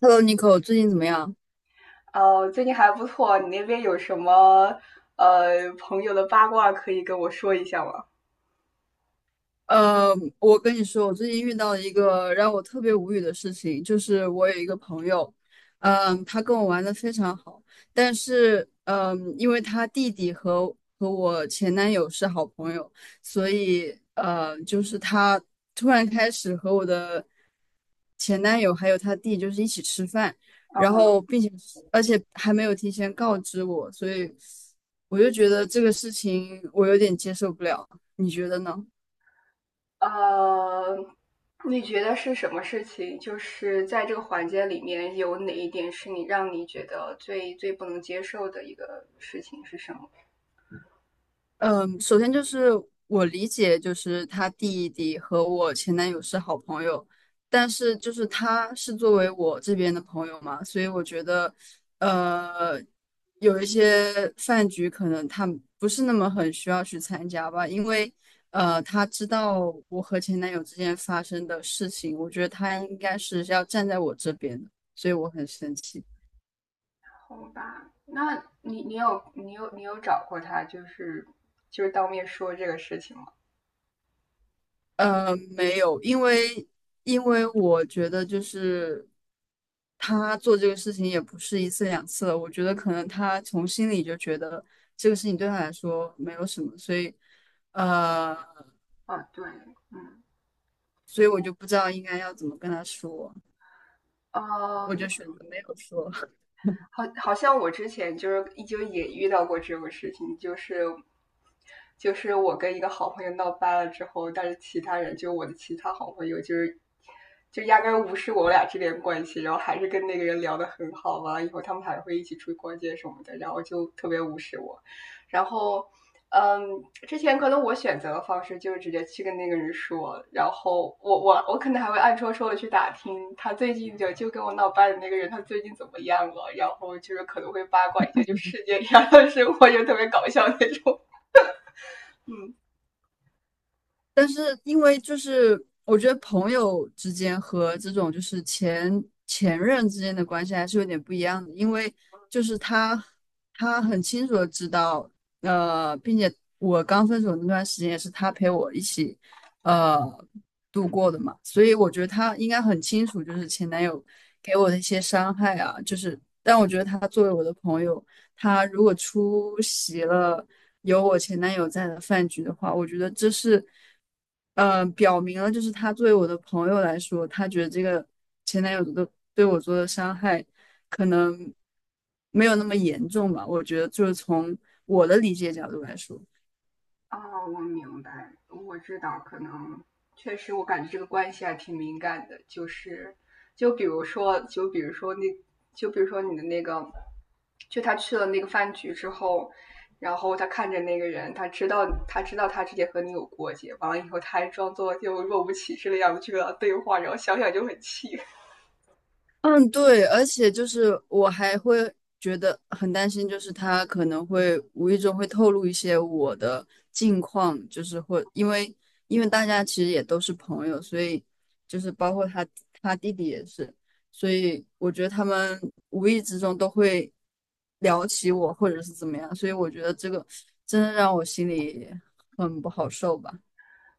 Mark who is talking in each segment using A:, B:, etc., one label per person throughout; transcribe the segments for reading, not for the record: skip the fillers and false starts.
A: Hello，Nico，最近怎么样？
B: 哦，最近还不错。你那边有什么朋友的八卦可以跟我说一下吗？
A: 呃，我跟你说，我最近遇到了一个让我特别无语的事情，就是我有一个朋友，他跟我玩的非常好，但是，因为他弟弟和我前男友是好朋友，所以，就是他突然开始和我的前男友还有他弟就是一起吃饭，
B: 嗯
A: 然
B: 哼。
A: 后，并且，而且还没有提前告知我，所以我就觉得这个事情我有点接受不了，你觉得呢？
B: 呃，你觉得是什么事情？就是在这个环节里面，有哪一点是你让你觉得最最不能接受的一个事情是什么？
A: 嗯，首先就是我理解，就是她弟弟和我前男友是好朋友，但是就是他是作为我这边的朋友嘛，所以我觉得，呃，有一些饭局可能他不是那么很需要去参加吧，因为他知道我和前男友之间发生的事情，我觉得他应该是要站在我这边的，所以我很生气。
B: 好吧，那你有找过他，就是就是当面说这个事情吗？
A: 呃，没有，因为我觉得就是他做这个事情也不是一次两次了，我觉得可能他从心里就觉得这个事情对他来说没有什么，所以呃，
B: 啊，对。嗯。
A: 所以我就不知道应该要怎么跟他说，我
B: 呃，
A: 就选择没有说。
B: 好，好像我之前就是就也遇到过这种事情，就是我跟一个好朋友闹掰了之后，但是其他人就我的其他好朋友就是就压根无视我俩这间关系，然后还是跟那个人聊得很好嘛，完了以后他们还会一起出去逛街什么的，然后就特别无视我。然后之前可能我选择的方式就是直接去跟那个人说，然后我可能还会暗戳戳的去打听他最近就跟我闹掰的那个人他最近怎么样了，然后就是可能会八卦一下就世界上的生活，就特别搞笑那种。
A: 但是因为就是我觉得朋友之间和这种就是前前任之间的关系还是有点不一样的，因为就是他很清楚的知道，呃，并且我刚分手那段时间也是他陪我一起呃度过的嘛，所以我觉得他应该很清楚就是前男友给我的一些伤害啊，就是但我觉得他作为我的朋友。他如果出席了有我前男友在的饭局的话，我觉得这是，表明了就是他作为我的朋友来说，他觉得这个前男友的对我做的伤害可能没有那么严重吧。我觉得就是从我的理解角度来说。
B: 哦，我明白，我知道，可能确实，我感觉这个关系还挺敏感的，就是，就比如说，就比如说那，就比如说你的那个，就他去了那个饭局之后，然后他看着那个人，他知道他之前和你有过节，完了以后他还装作就若无其事的样子去跟他对话，然后想想就很气。
A: 嗯，对，而且就是我还会觉得很担心，就是他可能会无意中会透露一些我的近况，就是会因为大家其实也都是朋友，所以就是包括他他弟弟也是，所以我觉得他们无意之中都会聊起我或者是怎么样，所以我觉得这个真的让我心里很不好受吧。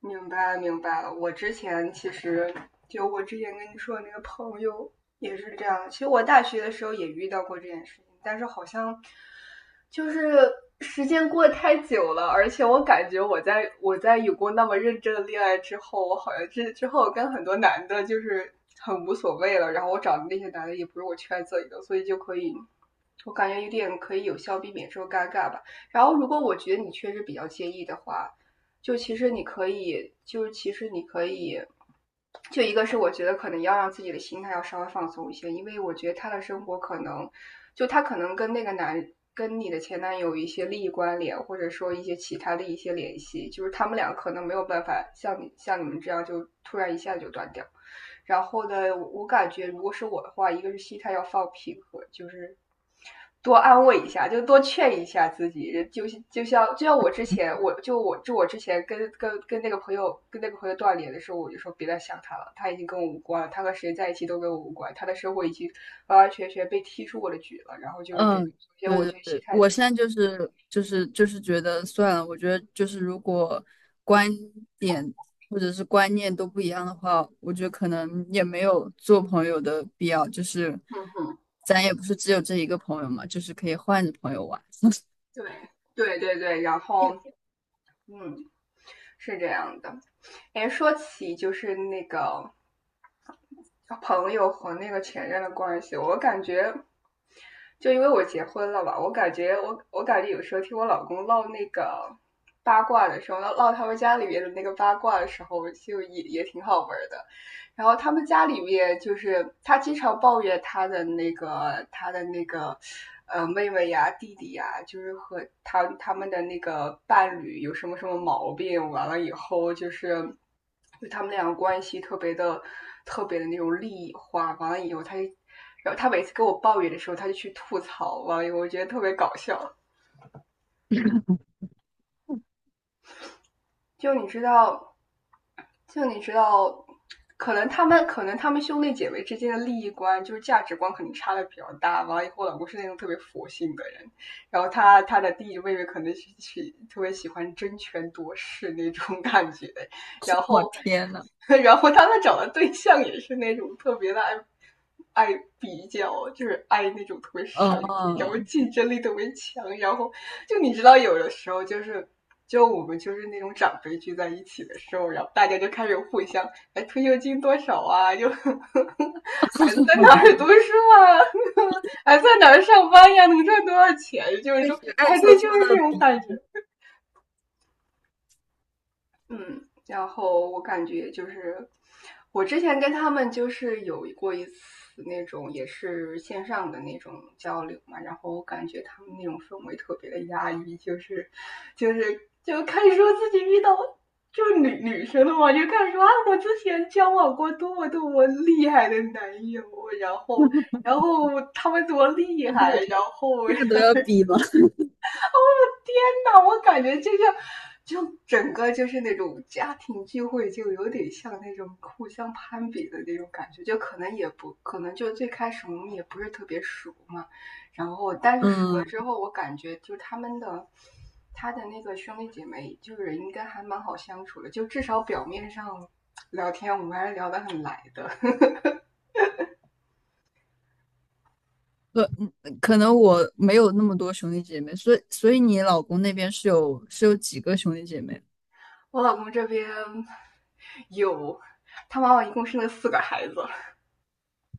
B: 明白，明白了。我之前其实就我之前跟你说的那个朋友也是这样。其实我大学的时候也遇到过这件事情，但是好像就是时间过得太久了，而且我感觉我在有过那么认真的恋爱之后，我好像之后跟很多男的就是很无所谓了。然后我找的那些男的也不是我圈子里的，所以就可以。我感觉有点可以有效避免这种尴尬吧。然后，如果我觉得你确实比较介意的话，就其实你可以，就是其实你可以，就一个是我觉得可能要让自己的心态要稍微放松一些，因为我觉得他的生活可能，就他可能跟那个男跟你的前男友一些利益关联，或者说一些其他的一些联系，就是他们俩可能没有办法像你像你们这样就突然一下就断掉。然后呢，我感觉如果是我的话，一个是心态要放平和，就是多安慰一下，就多劝一下自己。就像我之前，我之前跟那个朋友断联的时候，我就说别再想他了，他已经跟我无关了，他和谁在一起都跟我无关，他的生活已经完完全全被踢出我的局了。然后就是这，
A: 嗯，
B: 首先
A: 对
B: 我
A: 对
B: 就心
A: 对，
B: 态，
A: 我现在就是觉得算了，我觉得就是如果观点或者是观念都不一样的话，我觉得可能也没有做朋友的必要，就是咱也不是只有这一个朋友嘛，就是可以换着朋友玩。
B: 对对对对。然后 嗯，是这样的。哎，说起就是那个朋友和那个前任的关系，我感觉，就因为我结婚了吧，我感觉有时候听我老公唠那个八卦的时候，唠他们家里面的那个八卦的时候，就也也挺好玩的。然后他们家里面就是他经常抱怨他的那个妹妹呀、弟弟呀，就是和他们的那个伴侣有什么什么毛病，完了以后就是就他们两个关系特别的特别的那种利益化，完了以后他就。然后他每次跟我抱怨的时候，他就去吐槽，完了以后我觉得特别搞笑。就你知道，就你知道，可能他们兄弟姐妹之间的利益观就是价值观可能差的比较大。完了以后，老公是那种特别佛性的人，然后他的弟弟妹妹可能是特别喜欢争权夺势那种感觉，然
A: 我
B: 后，
A: 天呐，
B: 然后他们找的对象也是那种特别的爱比较，就是爱那种特别上进，然后
A: 哦，
B: 竞争力特别强，然后就你知道，有的时候就是就我们就是那种长辈聚在一起的时候，然后大家就开始互相哎退休金多少啊，就呵呵 孩子在哪儿读书啊，还在哪儿上班呀，能赚多少钱，就是
A: 确实，
B: 说
A: 暗
B: 哎
A: 戳
B: 对，就
A: 戳
B: 是这
A: 的
B: 种
A: 比，
B: 感觉。嗯，然后我感觉就是我之前跟他们就是有过一次那种也是线上的那种交流嘛，然后我感觉他们那种氛围特别的压抑，就是就是就开始说自己遇到。就是女生了嘛，就开始说啊，我之前交往过多么多么厉害的男友，然后，然后他们多厉
A: 这不
B: 害，
A: 是
B: 然后
A: 这个都 要比吗？
B: 天呐，我感觉就像，就整个就是那种家庭聚会，就有点像那种互相攀比的那种感觉。就可能也不可能，就最开始我们也不是特别熟嘛，然后但是熟了
A: 嗯，
B: 之后，我感觉就他的那个兄弟姐妹，就是应该还蛮好相处的，就至少表面上聊天我们还是聊得很来的。
A: 可嗯可能我没有那么多兄弟姐妹，所以你老公那边是有几个兄弟姐妹？
B: 我老公这边有。他妈妈一共生了四个孩子，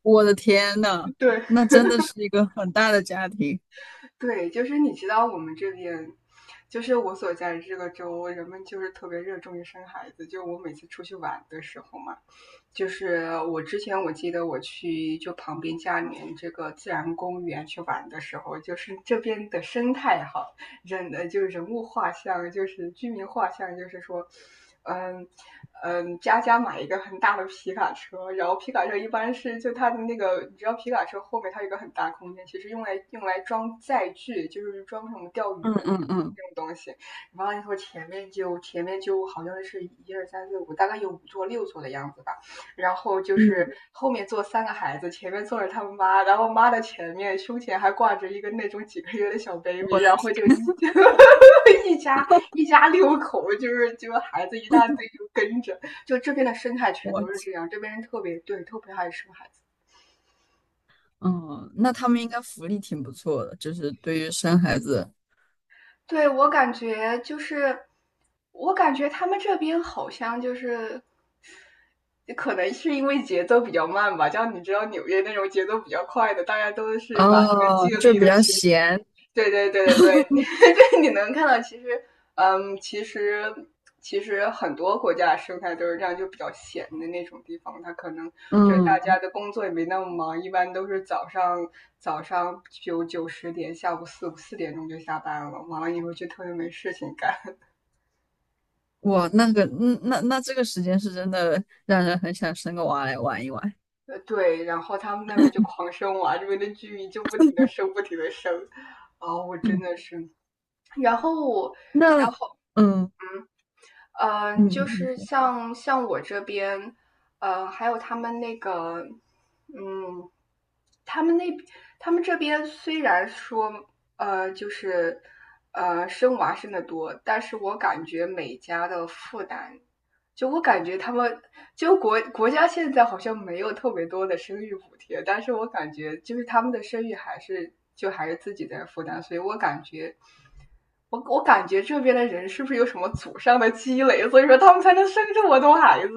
A: 我的天呐，
B: 对，
A: 那真的是一个很大的家庭。
B: 对，就是你知道我们这边，就是我所在的这个州，人们就是特别热衷于生孩子。就我每次出去玩的时候嘛，就是我之前我记得我去就旁边家里面这个自然公园去玩的时候，就是这边的生态好，人就是人物画像，就是居民画像，就是说，嗯。嗯，佳佳买一个很大的皮卡车，然后皮卡车一般是就它的那个，你知道皮卡车后面它有一个很大空间，其实用来装载具，就是装什么钓鱼
A: 嗯
B: 的那
A: 嗯
B: 种
A: 嗯
B: 那种东西。完了以后前面就好像是一二三四五，大概有五座六座的样子吧。然后就是
A: 嗯，
B: 后面坐三个孩子，前面坐着他们妈，然后妈的前面胸前还挂着一个那种几个月的小 baby，
A: 我的
B: 然后
A: 天
B: 就一 一家一家六口，就是就孩子一大堆就跟着，就这边的生态全
A: 我
B: 都是这样，这边人特别对，特别爱生孩子。
A: 嗯，那他们应该福利挺不错的，就是对于生孩子
B: 对，我感觉他们这边好像可能是因为节奏比较慢吧。像你知道纽约那种节奏比较快的，大家都是把那个
A: 哦，
B: 精
A: 就
B: 力
A: 比
B: 都
A: 较闲。
B: 对对对对对，对，你能看到，其实，嗯，其实其实很多国家生态都是这样，就比较闲的那种地方，它可能就是大
A: 嗯，
B: 家的工作也没那么忙，一般都是早上九十点，下午四点钟就下班了，完了以后就特别没事情干。
A: 我那个嗯，那这个时间是真的让人很想生个娃来玩一玩。
B: 对，然后他们那边就狂生娃，这边的居民就不停的生，不停的生。啊、我真的是，然后然
A: 那
B: 后
A: 嗯嗯
B: 就
A: 嗯，你
B: 是
A: 说
B: 像我这边，还有他们那个，嗯，他们那他们这边虽然说，就是生娃生的多，但是我感觉每家的负担，我感觉他们国家现在好像没有特别多的生育补贴，但是我感觉就是他们的生育还是自己在负担，所以我感觉这边的人是不是有什么祖上的积累，所以说他们才能生这么多孩子？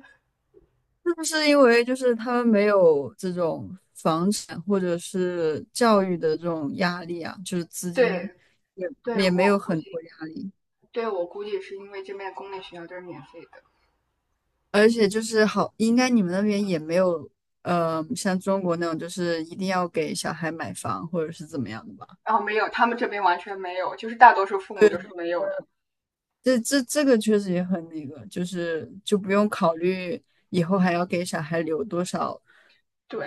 A: 是不是因为就是他们没有这种房产或者是教育的这种压力啊？就是资
B: 对。
A: 金也
B: 对，
A: 也没
B: 我
A: 有很多压力，
B: 对我估计是因为这边公立学校都是免费的，
A: 而且就是好，应该你们那边也没有，像中国那种就是一定要给小孩买房或者是怎么样的吧？
B: 然后没有，他们这边完全没有，就是大多数父母都是
A: 对，
B: 没有的。
A: 这个确实也很那个，就是就不用考虑以后还要给小孩留多少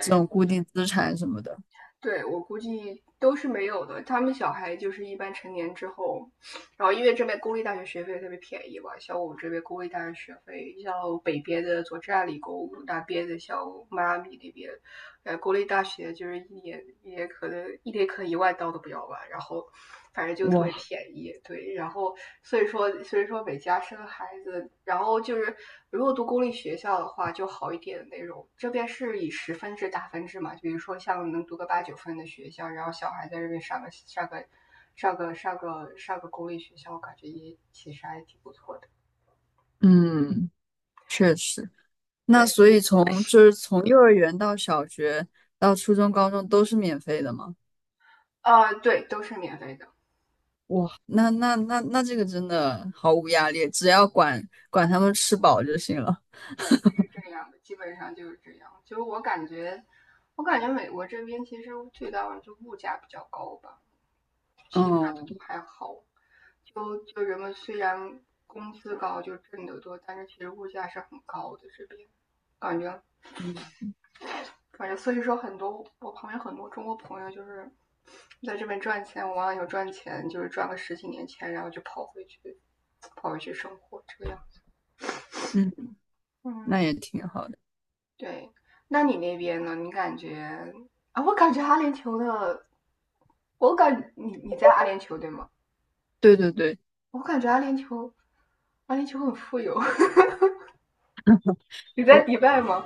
A: 这种固定资产什么的。
B: 对，我估计都是没有的。他们小孩就是一般成年之后，然后因为这边公立大学学费特别便宜嘛，像我们这边公立大学学费，像北边的佐治亚理工，南边的像迈阿密那边，公立大学就是一年可能1万刀都不要吧，然后反正就特别
A: 哇，
B: 便宜。对，然后所以说每家生孩子，然后就是如果读公立学校的话就好一点的那种。这边是以10分制打分制嘛，比如说像能读个八九分的学校，然后小孩在这边上个公立学校，感觉也其实还挺不错的。
A: 嗯，确实。那
B: 对，
A: 所以从就是从幼儿园到小学到初中、高中都是免费的吗？
B: 对，都是免费的。
A: 哇，那这个真的毫无压力，只要管管他们吃饱就行了。
B: 对，是这样的，基本上就是这样。我感觉美国这边其实最大的就物价比较高吧，其他的
A: 哦。
B: 都还好。人们虽然工资高，就挣得多，但是其实物价是很高的。这边感觉
A: 嗯
B: 反正所以说我旁边很多中国朋友就是在这边赚钱，我往往有赚钱，就是赚个十几年钱，然后就跑回去，跑回去生活这个样。
A: 嗯，
B: 嗯，
A: 那也挺好的。
B: 对。那你那边呢？你感觉啊？我感觉阿联酋的，我感你你在阿联酋对吗？
A: 对对对，
B: 我感觉阿联酋，阿联酋很富有。你在迪
A: 我
B: 拜吗？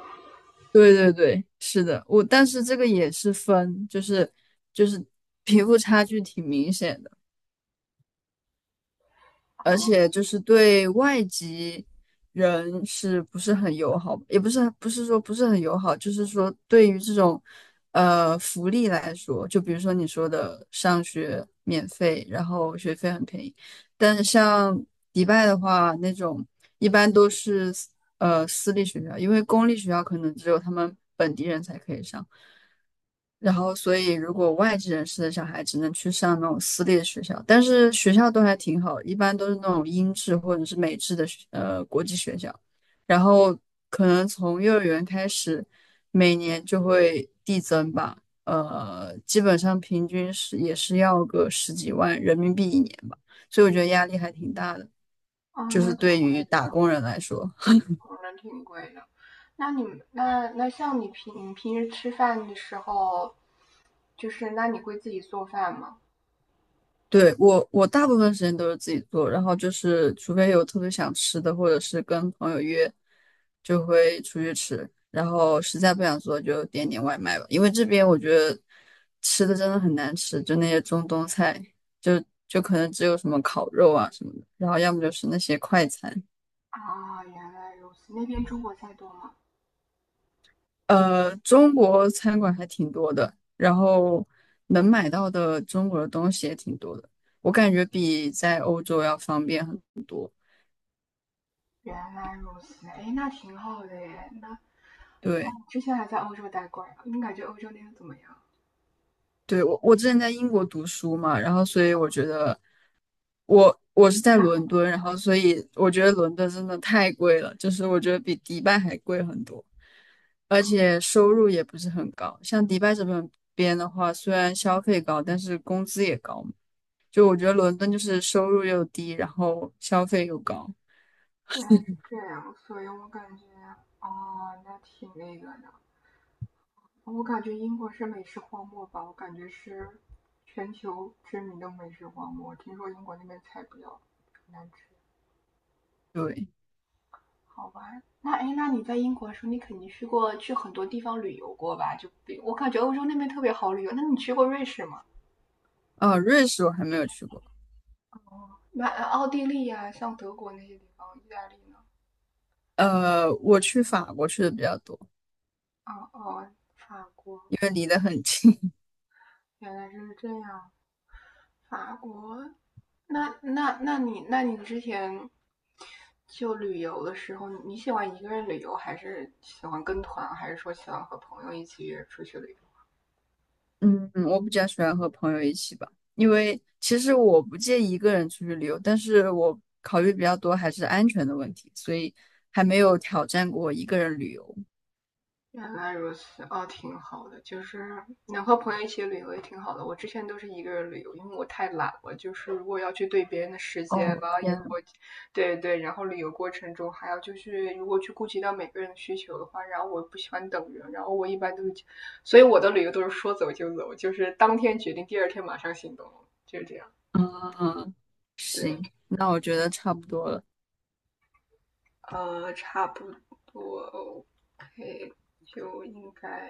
A: 对对对，是的，我但是这个也是分，就是就是贫富差距挺明显的。而
B: 哦，
A: 且就是对外籍人是不是很友好，也不是不是说不是很友好，就是说对于这种福利来说，就比如说你说的上学免费，然后学费很便宜，但是像迪拜的话，那种一般都是私立学校，因为公立学校可能只有他们本地人才可以上，然后，所以如果外籍人士的小孩只能去上那种私立的学校，但是学校都还挺好，一般都是那种英制或者是美制的国际学校。然后可能从幼儿园开始，每年就会递增吧，呃，基本上平均是也是要个十几万人民币一年吧，所以我觉得压力还挺大的，
B: 哦，
A: 就是对于打工人来说。
B: 那挺贵的。那你们像你平时吃饭的时候，就是那你会自己做饭吗？
A: 对，我，我大部分时间都是自己做，然后就是除非有特别想吃的，或者是跟朋友约，就会出去吃。然后实在不想做，就点点外卖吧。因为这边我觉得吃的真的很难吃，就那些中东菜，就可能只有什么烤肉啊什么的，然后要么就是那些快餐。
B: 啊，原来如此。那边中国菜多吗？
A: 呃，中国餐馆还挺多的，然后能买到的中国的东西也挺多的，我感觉比在欧洲要方便很多。
B: 原来如此，哎，那挺好的耶。那哦，
A: 对。
B: 你之前还在欧洲待过呀？你感觉欧洲那边怎么样？
A: 对，我之前在英国读书嘛，然后所以我觉得我是在伦敦，然后所以我觉得伦敦真的太贵了，就是我觉得比迪拜还贵很多，而且收入也不是很高。像迪拜这边的话，虽然消费高，但是工资也高嘛就我觉得伦敦就是收入又低，然后消费又高。
B: 原来是这样，所以我感觉哦，那挺那个的。我感觉英国是美食荒漠吧，我感觉是全球知名的美食荒漠。听说英国那边菜比较难吃。
A: 对，
B: 好玩。那哎，那你在英国的时候，你肯定去过去很多地方旅游过吧？就比我感觉欧洲那边特别好旅游。那你去过瑞士吗？
A: 啊，瑞士我还没有去过，
B: 那奥地利呀、像德国那些地方，意大利呢？
A: 呃，我去法国去的比较多，
B: 哦哦，法国
A: 因为离得很近。
B: 原来是这样。法国。那你之前就旅游的时候，你喜欢一个人旅游，还是喜欢跟团，还是说喜欢和朋友一起约出去旅游？
A: 嗯，我比较喜欢和朋友一起吧，因为其实我不介意一个人出去旅游，但是我考虑比较多还是安全的问题，所以还没有挑战过一个人旅游。
B: 原来如此，哦，挺好的，就是能和朋友一起旅游也挺好的。我之前都是一个人旅游，因为我太懒了，就是如果要去对别人的时间，
A: 哦，
B: 完了以后，
A: 天，
B: 对对，然后旅游过程中还要就是如果去顾及到每个人的需求的话，然后我不喜欢等人，然后我一般都是，所以我的旅游都是说走就走，就是当天决定，第二天马上行动，就是这样。
A: 嗯，
B: 对，
A: 行，那我觉得差不多了。
B: 差不多，OK,就应该。